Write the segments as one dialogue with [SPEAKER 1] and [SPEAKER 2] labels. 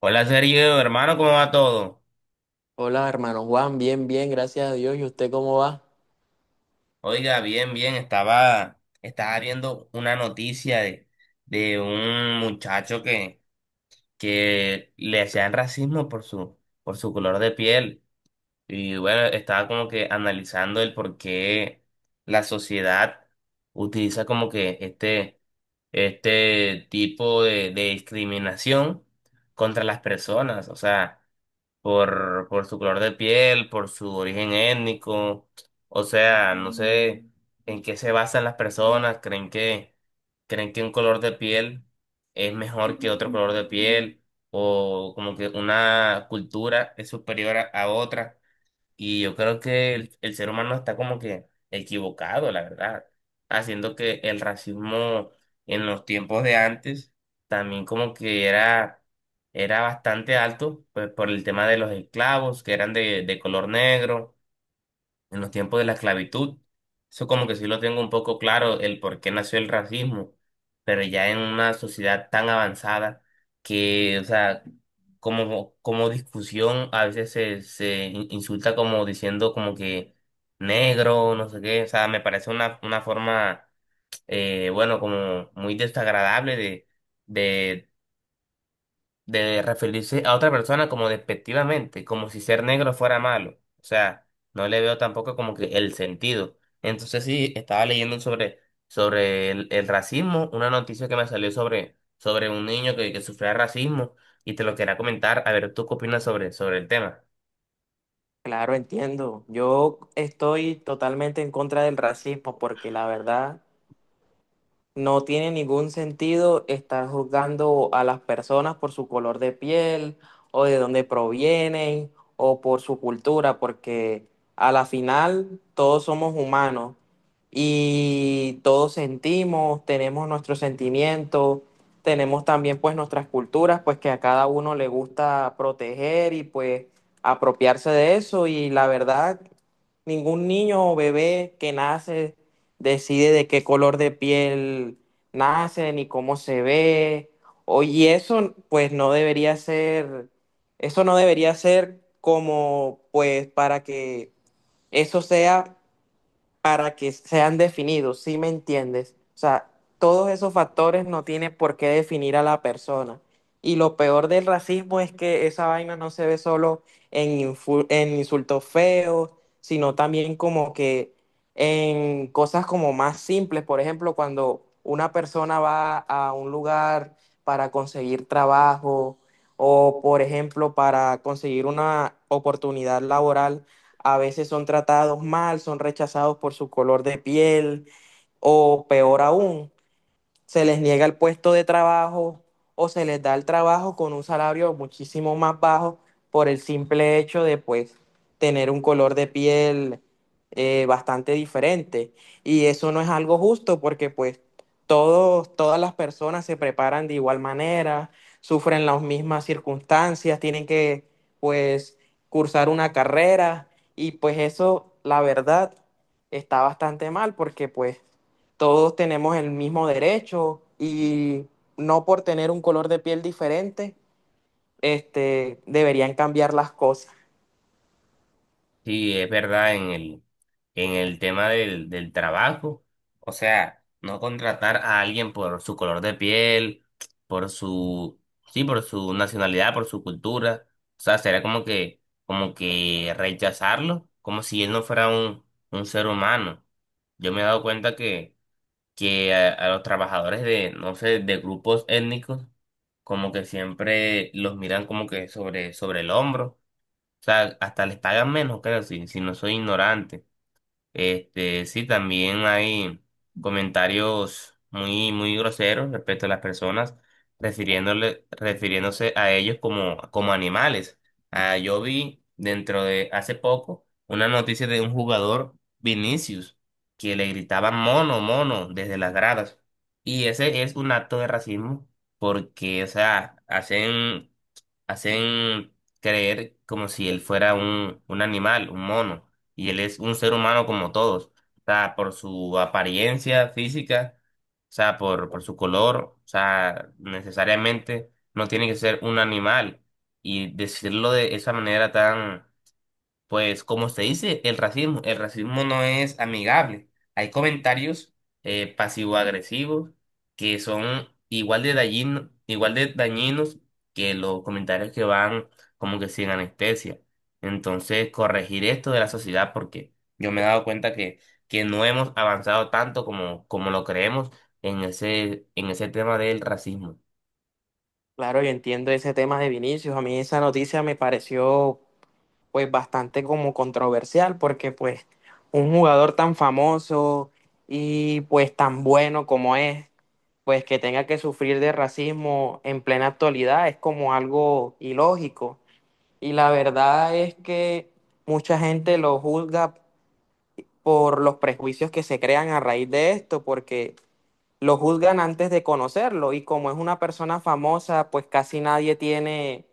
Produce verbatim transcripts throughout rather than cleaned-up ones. [SPEAKER 1] Hola Sergio, hermano, ¿cómo va todo?
[SPEAKER 2] Hola, hermano Juan, bien, bien, gracias a Dios. ¿Y usted cómo va?
[SPEAKER 1] Oiga, bien, bien, estaba, estaba viendo una noticia de, de un muchacho que, que le hacían racismo por su, por su color de piel. Y bueno, estaba como que analizando el por qué la sociedad utiliza como que este, este tipo de, de discriminación contra las personas. O sea, por, por su color de piel, por su origen étnico. O sea, no sé en qué se basan las personas, creen que, creen que un color de piel es mejor que otro color de piel, o como que una cultura es superior a, a otra. Y yo creo que el, el ser humano está como que equivocado, la verdad, haciendo que el racismo en los tiempos de antes también como que era, era bastante alto, pues por el tema de los esclavos que eran de, de color negro en los tiempos de la esclavitud. Eso como que sí lo tengo un poco claro, el por qué nació el racismo, pero ya en una sociedad tan avanzada que, o sea, como, como discusión a veces se, se in- insulta como diciendo como que negro, no sé qué, o sea, me parece una, una forma, eh, bueno, como muy desagradable de, de referirse a otra persona como despectivamente, como si ser negro fuera malo. O sea, no le veo tampoco como que el sentido. Entonces sí, estaba leyendo sobre, sobre el, el racismo, una noticia que me salió sobre, sobre un niño que, que sufría racismo y te lo quería comentar, a ver, ¿tú qué opinas sobre, sobre el tema?
[SPEAKER 2] Claro, entiendo. Yo estoy totalmente en contra del racismo porque la verdad, no tiene ningún sentido estar juzgando a las personas por su color de piel o de dónde provienen o por su cultura, porque a la final todos somos humanos y todos sentimos, tenemos nuestros sentimientos, tenemos también pues nuestras culturas, pues que a cada uno le gusta proteger y pues apropiarse de eso. Y la verdad, ningún niño o bebé que nace decide de qué color de piel nacen y cómo se ve. O- y eso, pues, no debería ser, eso no debería ser como, pues, para que eso sea para que sean definidos, ¿sí me entiendes? O sea, todos esos factores no tiene por qué definir a la persona. Y lo peor del racismo es que esa vaina no se ve solo en, infu- en insultos feos, sino también como que en cosas como más simples. Por ejemplo, cuando una persona va a un lugar para conseguir trabajo o, por ejemplo, para conseguir una oportunidad laboral, a veces son tratados mal, son rechazados por su color de piel o peor aún, se les niega el puesto de trabajo o se les da el trabajo con un salario muchísimo más bajo por el simple hecho de pues tener un color de piel eh, bastante diferente. Y eso no es algo justo porque pues todos, todas las personas se preparan de igual manera, sufren las mismas circunstancias, tienen que pues cursar una carrera, y pues eso, la verdad, está bastante mal porque pues todos tenemos el mismo derecho y no por tener un color de piel diferente, este, deberían cambiar las cosas.
[SPEAKER 1] Sí, es verdad, en el, en el tema del, del trabajo, o sea, no contratar a alguien por su color de piel, por su, sí, por su nacionalidad, por su cultura, o sea, sería como que, como que rechazarlo, como si él no fuera un, un ser humano. Yo me he dado cuenta que, que a, a los trabajadores de, no sé, de grupos étnicos, como que siempre los miran como que sobre, sobre el hombro. O sea, hasta les pagan menos, creo, si, si no soy ignorante. Este, sí, también hay comentarios muy, muy groseros respecto a las personas, refiriéndole, refiriéndose a ellos como, como animales. Ah, yo vi dentro de hace poco una noticia de un jugador, Vinicius, que le gritaban mono, mono desde las gradas. Y ese es un acto de racismo porque, o sea, hacen hacen creer como si él fuera un, un animal, un mono, y él es un ser humano como todos. O sea, por su apariencia física, o sea, por, por su color, o sea, necesariamente no tiene que ser un animal. Y decirlo de esa manera tan, pues, como se dice, el racismo, el racismo no es amigable. Hay comentarios eh, pasivo-agresivos que son igual de dañino- igual de dañinos que los comentarios que van como que sin anestesia. Entonces, corregir esto de la sociedad porque yo me he dado cuenta que, que no hemos avanzado tanto como, como lo creemos en ese, en ese tema del racismo.
[SPEAKER 2] Claro, yo entiendo ese tema de Vinicius. A mí esa noticia me pareció pues bastante como controversial porque pues un jugador tan famoso y pues tan bueno como es, pues que tenga que sufrir de racismo en plena actualidad es como algo ilógico. Y la verdad es que mucha gente lo juzga por los prejuicios que se crean a raíz de esto, porque lo juzgan antes de conocerlo y como es una persona famosa, pues casi nadie tiene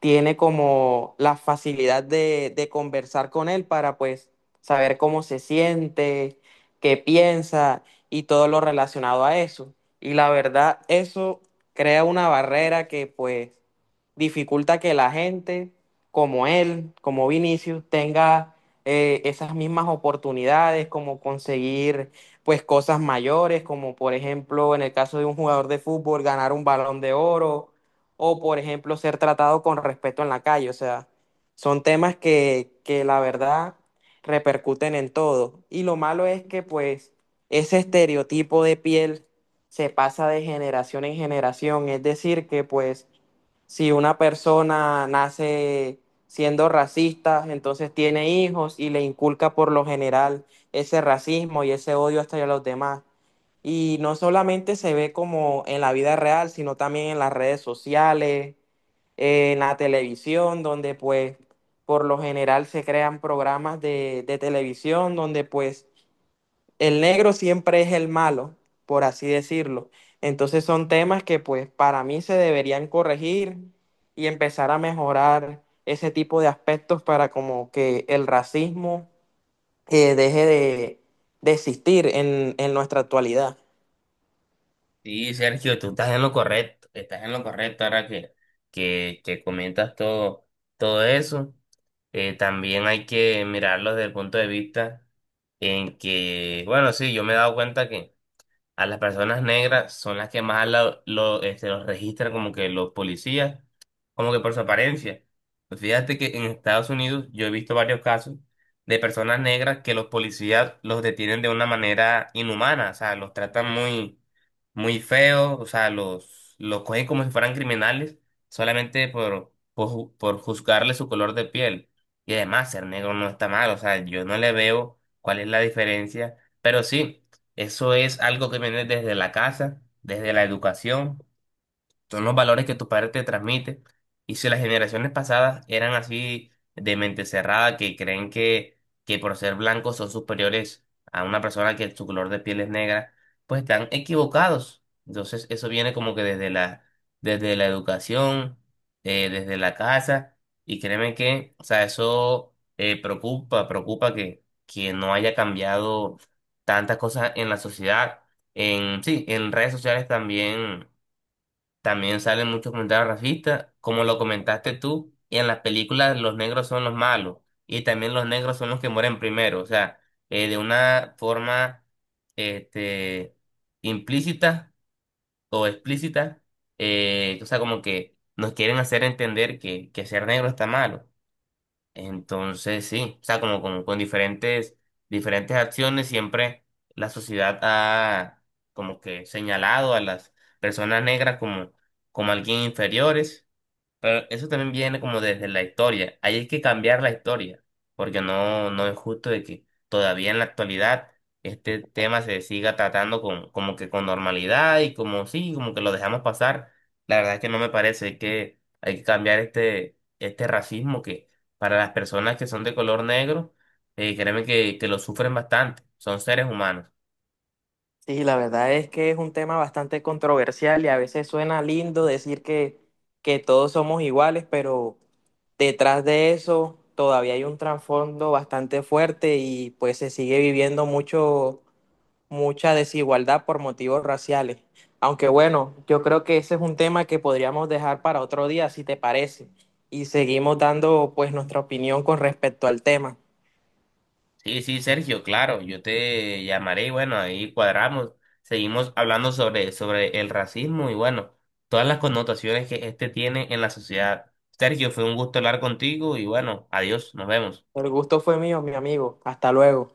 [SPEAKER 2] tiene como la facilidad de, de conversar con él para pues saber cómo se siente, qué piensa y todo lo relacionado a eso. Y la verdad, eso crea una barrera que pues dificulta que la gente como él, como Vinicius, tenga eh, esas mismas oportunidades, como conseguir pues cosas mayores, como por ejemplo en el caso de un jugador de fútbol, ganar un balón de oro o por ejemplo ser tratado con respeto en la calle. O sea, son temas que, que la verdad repercuten en todo. Y lo malo es que pues ese estereotipo de piel se pasa de generación en generación. Es decir, que pues si una persona nace siendo racista, entonces tiene hijos y le inculca por lo general ese racismo y ese odio hasta a los demás. Y no solamente se ve como en la vida real, sino también en las redes sociales, eh, en la televisión, donde pues por lo general se crean programas de, de televisión donde pues el negro siempre es el malo, por así decirlo. Entonces son temas que pues para mí se deberían corregir y empezar a mejorar ese tipo de aspectos para como que el racismo eh, deje de, de existir en en nuestra actualidad.
[SPEAKER 1] Sí, Sergio, tú estás en lo correcto, estás en lo correcto ahora que, que, que comentas todo, todo eso. Eh, también hay que mirarlo desde el punto de vista en que, bueno, sí, yo me he dado cuenta que a las personas negras son las que más lo, lo, este, los registran como que los policías, como que por su apariencia. Pues fíjate que en Estados Unidos yo he visto varios casos de personas negras que los policías los detienen de una manera inhumana, o sea, los tratan muy, muy feo, o sea, los, los cogen como si fueran criminales solamente por, por, ju- por juzgarle su color de piel. Y además, ser negro no está mal, o sea, yo no le veo cuál es la diferencia, pero sí. Eso es algo que viene desde la casa, desde la educación, son los valores que tus padres te transmiten. Y si las generaciones pasadas eran así de mente cerrada, que creen que, que por ser blancos son superiores a una persona que su color de piel es negra, pues están equivocados. Entonces eso viene como que desde la, desde la educación, eh, desde la casa, y créeme que, o sea, eso, eh, preocupa, preocupa que, que no haya cambiado tantas cosas en la sociedad. En, sí, en redes sociales también también salen muchos comentarios racistas, como lo comentaste tú, y en las películas los negros son los malos, y también los negros son los que mueren primero, o sea, eh, de una forma este, implícita o explícita, eh, o sea, como que nos quieren hacer entender que, que ser negro está malo. Entonces, sí, o sea, como, como con diferentes, diferentes acciones, siempre la sociedad ha como que señalado a las personas negras como, como alguien inferiores. Pero eso también viene como desde la historia. Ahí hay que cambiar la historia, porque no, no es justo de que todavía en la actualidad este tema se siga tratando con, como que con normalidad y como sí, como que lo dejamos pasar. La verdad es que no me parece, hay que, hay que cambiar este, este racismo que para las personas que son de color negro, eh, créeme que, que lo sufren bastante, son seres humanos.
[SPEAKER 2] Sí, la verdad es que es un tema bastante controversial y a veces suena lindo decir que, que todos somos iguales, pero detrás de eso todavía hay un trasfondo bastante fuerte y pues se sigue viviendo mucho, mucha desigualdad por motivos raciales. Aunque bueno, yo creo que ese es un tema que podríamos dejar para otro día, si te parece, y seguimos dando pues nuestra opinión con respecto al tema.
[SPEAKER 1] Sí, sí, Sergio, claro, yo te llamaré y bueno, ahí cuadramos, seguimos hablando sobre, sobre el racismo y bueno, todas las connotaciones que este tiene en la sociedad. Sergio, fue un gusto hablar contigo y bueno, adiós, nos vemos.
[SPEAKER 2] El gusto fue mío, mi amigo. Hasta luego.